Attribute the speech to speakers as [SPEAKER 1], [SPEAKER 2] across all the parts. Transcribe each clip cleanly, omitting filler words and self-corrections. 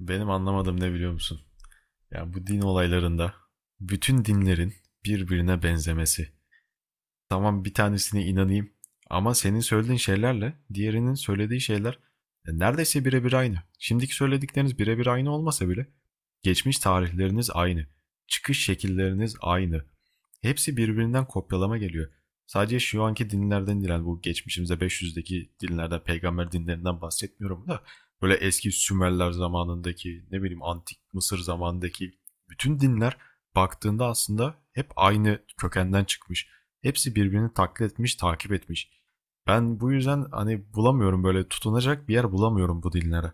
[SPEAKER 1] Benim anlamadığım ne biliyor musun? Ya bu din olaylarında bütün dinlerin birbirine benzemesi. Tamam bir tanesine inanayım ama senin söylediğin şeylerle diğerinin söylediği şeyler neredeyse birebir aynı. Şimdiki söyledikleriniz birebir aynı olmasa bile geçmiş tarihleriniz aynı. Çıkış şekilleriniz aynı. Hepsi birbirinden kopyalama geliyor. Sadece şu anki dinlerden diren bu geçmişimize 500'deki dinlerden, peygamber dinlerinden bahsetmiyorum da böyle eski Sümerler zamanındaki, ne bileyim antik Mısır zamanındaki bütün dinler baktığında aslında hep aynı kökenden çıkmış. Hepsi birbirini taklit etmiş, takip etmiş. Ben bu yüzden hani bulamıyorum böyle tutunacak bir yer bulamıyorum bu dinlere.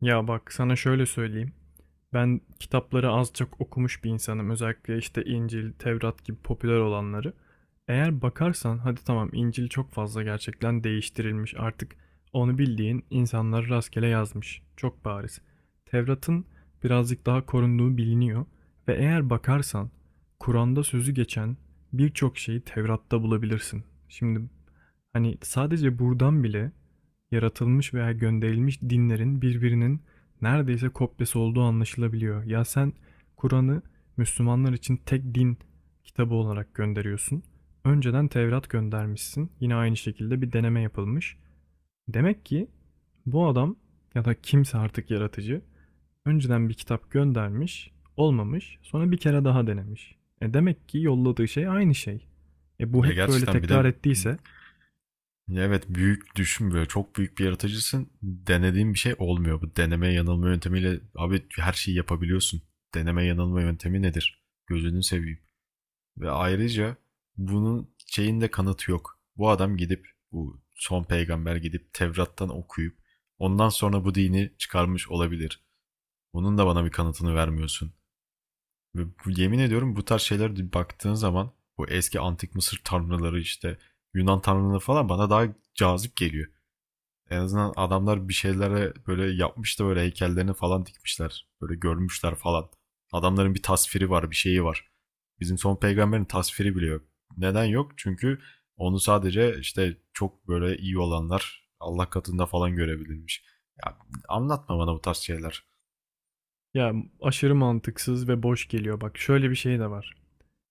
[SPEAKER 2] Ya bak sana şöyle söyleyeyim. Ben kitapları az çok okumuş bir insanım. Özellikle işte İncil, Tevrat gibi popüler olanları. Eğer bakarsan hadi tamam İncil çok fazla gerçekten değiştirilmiş artık. Onu bildiğin insanlar rastgele yazmış. Çok bariz. Tevrat'ın birazcık daha korunduğu biliniyor. Ve eğer bakarsan Kur'an'da sözü geçen birçok şeyi Tevrat'ta bulabilirsin. Şimdi hani sadece buradan bile yaratılmış veya gönderilmiş dinlerin birbirinin neredeyse kopyası olduğu anlaşılabiliyor. Ya sen Kur'an'ı Müslümanlar için tek din kitabı olarak gönderiyorsun. Önceden Tevrat göndermişsin. Yine aynı şekilde bir deneme yapılmış. Demek ki bu adam ya da kimse artık yaratıcı önceden bir kitap göndermiş, olmamış, sonra bir kere daha denemiş. E demek ki yolladığı şey aynı şey. E bu
[SPEAKER 1] Ya
[SPEAKER 2] hep böyle
[SPEAKER 1] gerçekten bir de
[SPEAKER 2] tekrar ettiyse
[SPEAKER 1] evet büyük düşün böyle çok büyük bir yaratıcısın. Denediğin bir şey olmuyor. Bu deneme yanılma yöntemiyle abi her şeyi yapabiliyorsun. Deneme yanılma yöntemi nedir? Gözünü seveyim. Ve ayrıca bunun şeyinde kanıtı yok. Bu adam gidip bu son peygamber gidip Tevrat'tan okuyup ondan sonra bu dini çıkarmış olabilir. Bunun da bana bir kanıtını vermiyorsun. Ve yemin ediyorum bu tarz şeylere baktığın zaman bu eski antik Mısır tanrıları işte Yunan tanrıları falan bana daha cazip geliyor. En azından adamlar bir şeylere böyle yapmış da böyle heykellerini falan dikmişler. Böyle görmüşler falan. Adamların bir tasviri var, bir şeyi var. Bizim son peygamberin tasviri bile yok. Neden yok? Çünkü onu sadece işte çok böyle iyi olanlar Allah katında falan görebilirmiş. Ya anlatma bana bu tarz şeyler.
[SPEAKER 2] ya aşırı mantıksız ve boş geliyor. Bak şöyle bir şey de var.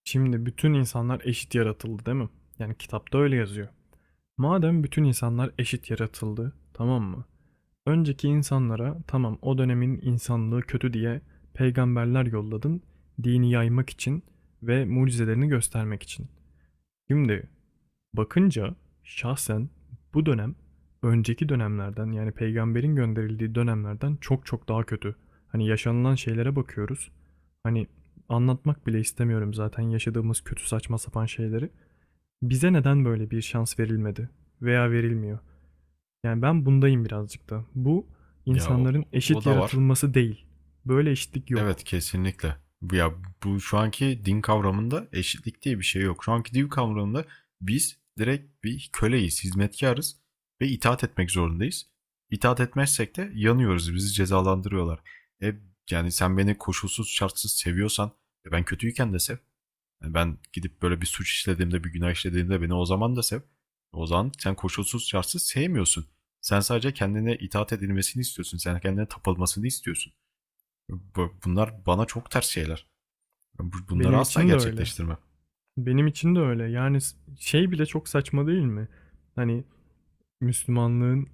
[SPEAKER 2] Şimdi bütün insanlar eşit yaratıldı değil mi? Yani kitapta öyle yazıyor. Madem bütün insanlar eşit yaratıldı, tamam mı? Önceki insanlara tamam o dönemin insanlığı kötü diye peygamberler yolladın, dini yaymak için ve mucizelerini göstermek için. Şimdi bakınca şahsen bu dönem önceki dönemlerden yani peygamberin gönderildiği dönemlerden çok çok daha kötü. Hani yaşanılan şeylere bakıyoruz. Hani anlatmak bile istemiyorum zaten yaşadığımız kötü saçma sapan şeyleri. Bize neden böyle bir şans verilmedi veya verilmiyor? Yani ben bundayım birazcık da. Bu
[SPEAKER 1] Ya o,
[SPEAKER 2] insanların
[SPEAKER 1] o
[SPEAKER 2] eşit
[SPEAKER 1] da var.
[SPEAKER 2] yaratılması değil. Böyle eşitlik
[SPEAKER 1] Evet
[SPEAKER 2] yok.
[SPEAKER 1] kesinlikle. Ya bu şu anki din kavramında eşitlik diye bir şey yok. Şu anki din kavramında biz direkt bir köleyiz, hizmetkarız ve itaat etmek zorundayız. İtaat etmezsek de yanıyoruz, bizi cezalandırıyorlar. E, yani sen beni koşulsuz şartsız seviyorsan ben kötüyken de sev. Yani ben gidip böyle bir suç işlediğimde, bir günah işlediğimde beni o zaman da sev. O zaman sen koşulsuz şartsız sevmiyorsun. Sen sadece kendine itaat edilmesini istiyorsun. Sen kendine tapılmasını istiyorsun. Bunlar bana çok ters şeyler. Bunları
[SPEAKER 2] Benim
[SPEAKER 1] asla
[SPEAKER 2] için de öyle.
[SPEAKER 1] gerçekleştirmem.
[SPEAKER 2] Benim için de öyle. Yani şey bile çok saçma değil mi? Hani Müslümanlığın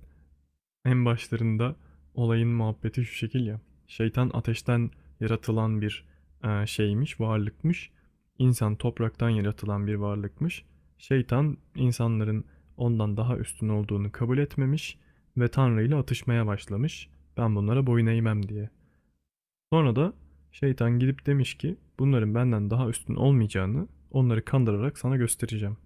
[SPEAKER 2] en başlarında olayın muhabbeti şu şekil ya. Şeytan ateşten yaratılan bir şeymiş, varlıkmış. İnsan topraktan yaratılan bir varlıkmış. Şeytan insanların ondan daha üstün olduğunu kabul etmemiş ve Tanrı ile atışmaya başlamış. Ben bunlara boyun eğmem diye. Sonra da şeytan gidip demiş ki bunların benden daha üstün olmayacağını onları kandırarak sana göstereceğim.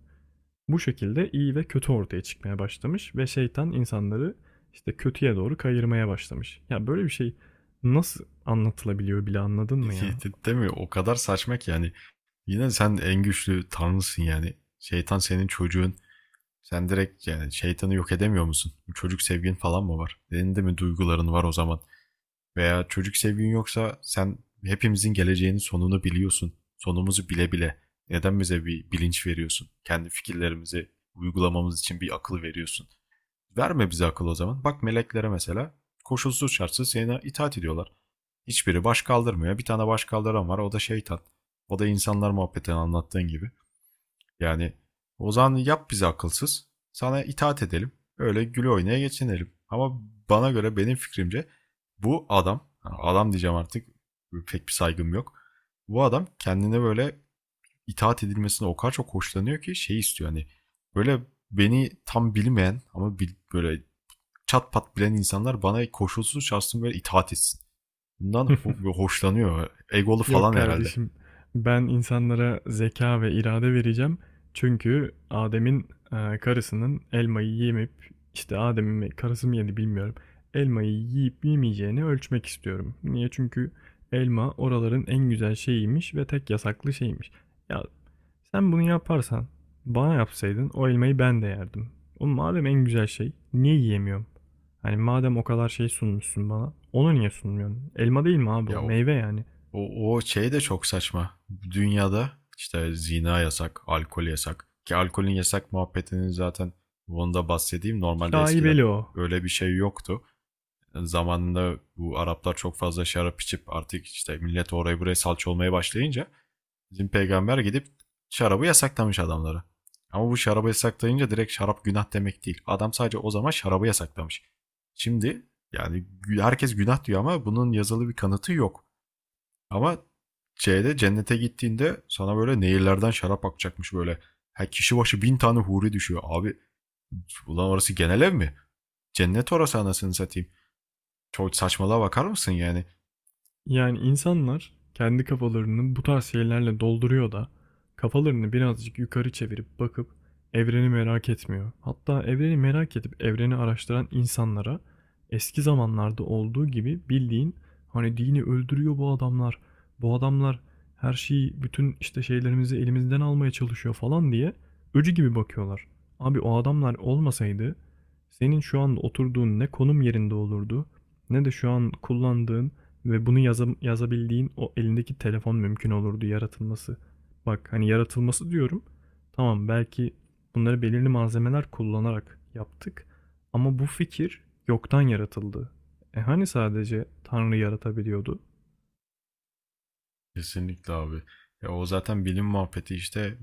[SPEAKER 2] Bu şekilde iyi ve kötü ortaya çıkmaya başlamış ve şeytan insanları işte kötüye doğru kayırmaya başlamış. Ya böyle bir şey nasıl anlatılabiliyor bile anladın mı ya?
[SPEAKER 1] Değil mi? O kadar saçma ki yani. Yine sen en güçlü tanrısın yani. Şeytan senin çocuğun. Sen direkt yani şeytanı yok edemiyor musun? Bu çocuk sevgin falan mı var? Senin de mi duyguların var o zaman? Veya çocuk sevgin yoksa sen hepimizin geleceğinin sonunu biliyorsun. Sonumuzu bile bile neden bize bir bilinç veriyorsun? Kendi fikirlerimizi uygulamamız için bir akıl veriyorsun. Verme bize akıl o zaman. Bak meleklere mesela koşulsuz şartsız sana itaat ediyorlar. Hiçbiri baş kaldırmıyor. Bir tane baş kaldıran var o da şeytan. O da insanlar muhabbetini anlattığın gibi. Yani o zaman yap bizi akılsız. Sana itaat edelim. Öyle güle oynaya geçinelim. Ama bana göre benim fikrimce bu adam, yani adam diyeceğim artık pek bir saygım yok. Bu adam kendine böyle itaat edilmesine o kadar çok hoşlanıyor ki şey istiyor hani böyle beni tam bilmeyen ama böyle çat pat bilen insanlar bana koşulsuz şartsız böyle itaat etsin. Bundan hoşlanıyor. Egolu
[SPEAKER 2] Yok
[SPEAKER 1] falan herhalde.
[SPEAKER 2] kardeşim, ben insanlara zeka ve irade vereceğim. Çünkü Adem'in karısının elmayı yemeyip işte Adem'in karısı mı yedi bilmiyorum. Elmayı yiyip yemeyeceğini ölçmek istiyorum. Niye? Çünkü elma oraların en güzel şeyiymiş ve tek yasaklı şeymiş. Ya sen bunu yaparsan, bana yapsaydın o elmayı ben de yerdim. Oğlum madem en güzel şey, niye yiyemiyorum? Hani madem o kadar şey sunmuşsun bana, onu niye sunmuyorsun? Elma değil mi abi o?
[SPEAKER 1] Ya
[SPEAKER 2] Meyve yani.
[SPEAKER 1] O, o şey de çok saçma. Dünyada işte zina yasak, alkol yasak. Ki alkolün yasak muhabbetinin zaten bunu da bahsedeyim. Normalde eskiden
[SPEAKER 2] Şaibeli o.
[SPEAKER 1] öyle bir şey yoktu. Zamanında bu Araplar çok fazla şarap içip artık işte millet oraya buraya salça olmaya başlayınca bizim peygamber gidip şarabı yasaklamış adamlara. Ama bu şarabı yasaklayınca direkt şarap günah demek değil. Adam sadece o zaman şarabı yasaklamış. Şimdi yani herkes günah diyor ama bunun yazılı bir kanıtı yok. Ama C'de cennete gittiğinde sana böyle nehirlerden şarap akacakmış böyle. Her kişi başı 1.000 tane huri düşüyor. Abi ulan orası genel ev mi? Cennet orası anasını satayım. Çok saçmalığa bakar mısın yani?
[SPEAKER 2] Yani insanlar kendi kafalarını bu tarz şeylerle dolduruyor da kafalarını birazcık yukarı çevirip bakıp evreni merak etmiyor. Hatta evreni merak edip evreni araştıran insanlara eski zamanlarda olduğu gibi bildiğin hani dini öldürüyor bu adamlar. Bu adamlar her şeyi bütün işte şeylerimizi elimizden almaya çalışıyor falan diye öcü gibi bakıyorlar. Abi o adamlar olmasaydı senin şu an oturduğun ne konum yerinde olurdu ne de şu an kullandığın ve bunu yazabildiğin o elindeki telefon mümkün olurdu yaratılması. Bak hani yaratılması diyorum. Tamam belki bunları belirli malzemeler kullanarak yaptık. Ama bu fikir yoktan yaratıldı. E hani sadece Tanrı yaratabiliyordu?
[SPEAKER 1] Kesinlikle abi. Ya o zaten bilim muhabbeti işte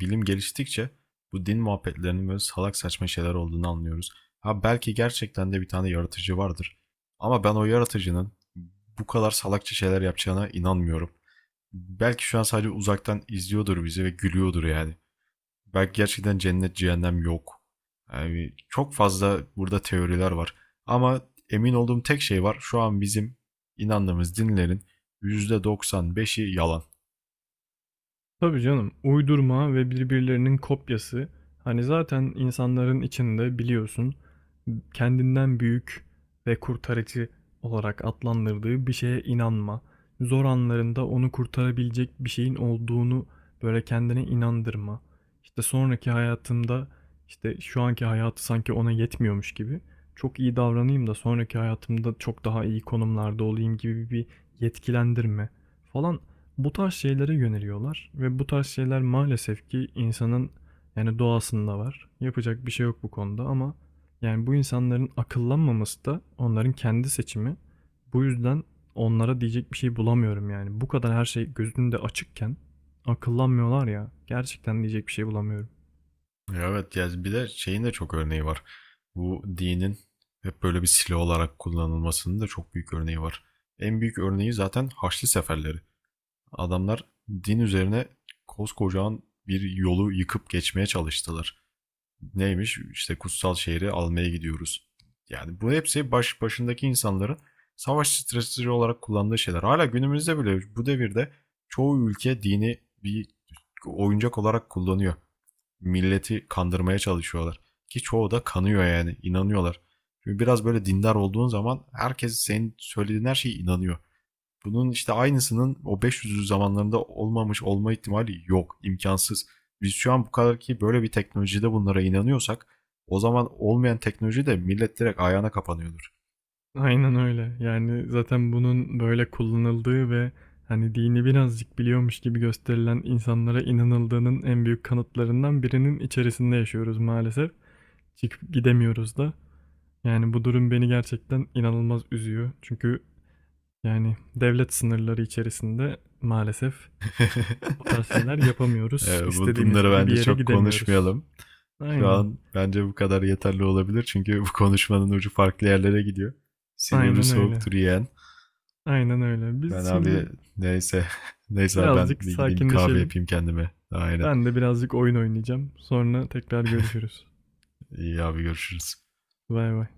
[SPEAKER 1] bilim geliştikçe bu din muhabbetlerinin böyle salak saçma şeyler olduğunu anlıyoruz. Ha belki gerçekten de bir tane yaratıcı vardır. Ama ben o yaratıcının bu kadar salakça şeyler yapacağına inanmıyorum. Belki şu an sadece uzaktan izliyordur bizi ve gülüyordur yani. Belki gerçekten cennet cehennem yok. Yani çok fazla burada teoriler var. Ama emin olduğum tek şey var. Şu an bizim inandığımız dinlerin %95'i yalan.
[SPEAKER 2] Tabii canım. Uydurma ve birbirlerinin kopyası. Hani zaten insanların içinde biliyorsun kendinden büyük ve kurtarıcı olarak adlandırdığı bir şeye inanma. Zor anlarında onu kurtarabilecek bir şeyin olduğunu böyle kendine inandırma. İşte sonraki hayatımda işte şu anki hayatı sanki ona yetmiyormuş gibi çok iyi davranayım da sonraki hayatımda çok daha iyi konumlarda olayım gibi bir yetkilendirme falan bu tarz şeylere yöneliyorlar ve bu tarz şeyler maalesef ki insanın yani doğasında var. Yapacak bir şey yok bu konuda ama yani bu insanların akıllanmaması da onların kendi seçimi. Bu yüzden onlara diyecek bir şey bulamıyorum yani. Bu kadar her şey gözünde açıkken akıllanmıyorlar ya. Gerçekten diyecek bir şey bulamıyorum.
[SPEAKER 1] Evet yani bir de şeyin de çok örneği var. Bu dinin hep böyle bir silah olarak kullanılmasının da çok büyük örneği var. En büyük örneği zaten Haçlı Seferleri. Adamlar din üzerine koskocaman bir yolu yıkıp geçmeye çalıştılar. Neymiş? İşte kutsal şehri almaya gidiyoruz. Yani bu hepsi baş başındaki insanların savaş stratejisi olarak kullandığı şeyler. Hala günümüzde bile bu devirde çoğu ülke dini bir oyuncak olarak kullanıyor. Milleti kandırmaya çalışıyorlar. Ki çoğu da kanıyor yani inanıyorlar. Çünkü biraz böyle dindar olduğun zaman herkes senin söylediğin her şeye inanıyor. Bunun işte aynısının o 500'lü zamanlarında olmamış olma ihtimali yok. İmkansız. Biz şu an bu kadar ki böyle bir teknolojide bunlara inanıyorsak o zaman olmayan teknoloji de millet direkt ayağına kapanıyordur.
[SPEAKER 2] Aynen öyle. Yani zaten bunun böyle kullanıldığı ve hani dini birazcık biliyormuş gibi gösterilen insanlara inanıldığının en büyük kanıtlarından birinin içerisinde yaşıyoruz maalesef. Çıkıp gidemiyoruz da. Yani bu durum beni gerçekten inanılmaz üzüyor. Çünkü yani devlet sınırları içerisinde maalesef bu tarz şeyler yapamıyoruz. İstediğimiz
[SPEAKER 1] Bunları
[SPEAKER 2] gibi bir
[SPEAKER 1] bence
[SPEAKER 2] yere
[SPEAKER 1] çok
[SPEAKER 2] gidemiyoruz.
[SPEAKER 1] konuşmayalım. Şu
[SPEAKER 2] Aynen.
[SPEAKER 1] an bence bu kadar yeterli olabilir. Çünkü bu konuşmanın ucu farklı yerlere gidiyor. Silivri
[SPEAKER 2] Aynen öyle.
[SPEAKER 1] soğuktur yeğen.
[SPEAKER 2] Aynen öyle. Biz
[SPEAKER 1] Ben
[SPEAKER 2] şimdi
[SPEAKER 1] abi neyse. Neyse abi ben
[SPEAKER 2] birazcık
[SPEAKER 1] bir gideyim bir kahve
[SPEAKER 2] sakinleşelim.
[SPEAKER 1] yapayım kendime. Aynen.
[SPEAKER 2] Ben de birazcık oyun oynayacağım. Sonra tekrar görüşürüz.
[SPEAKER 1] İyi abi görüşürüz.
[SPEAKER 2] Bay bay.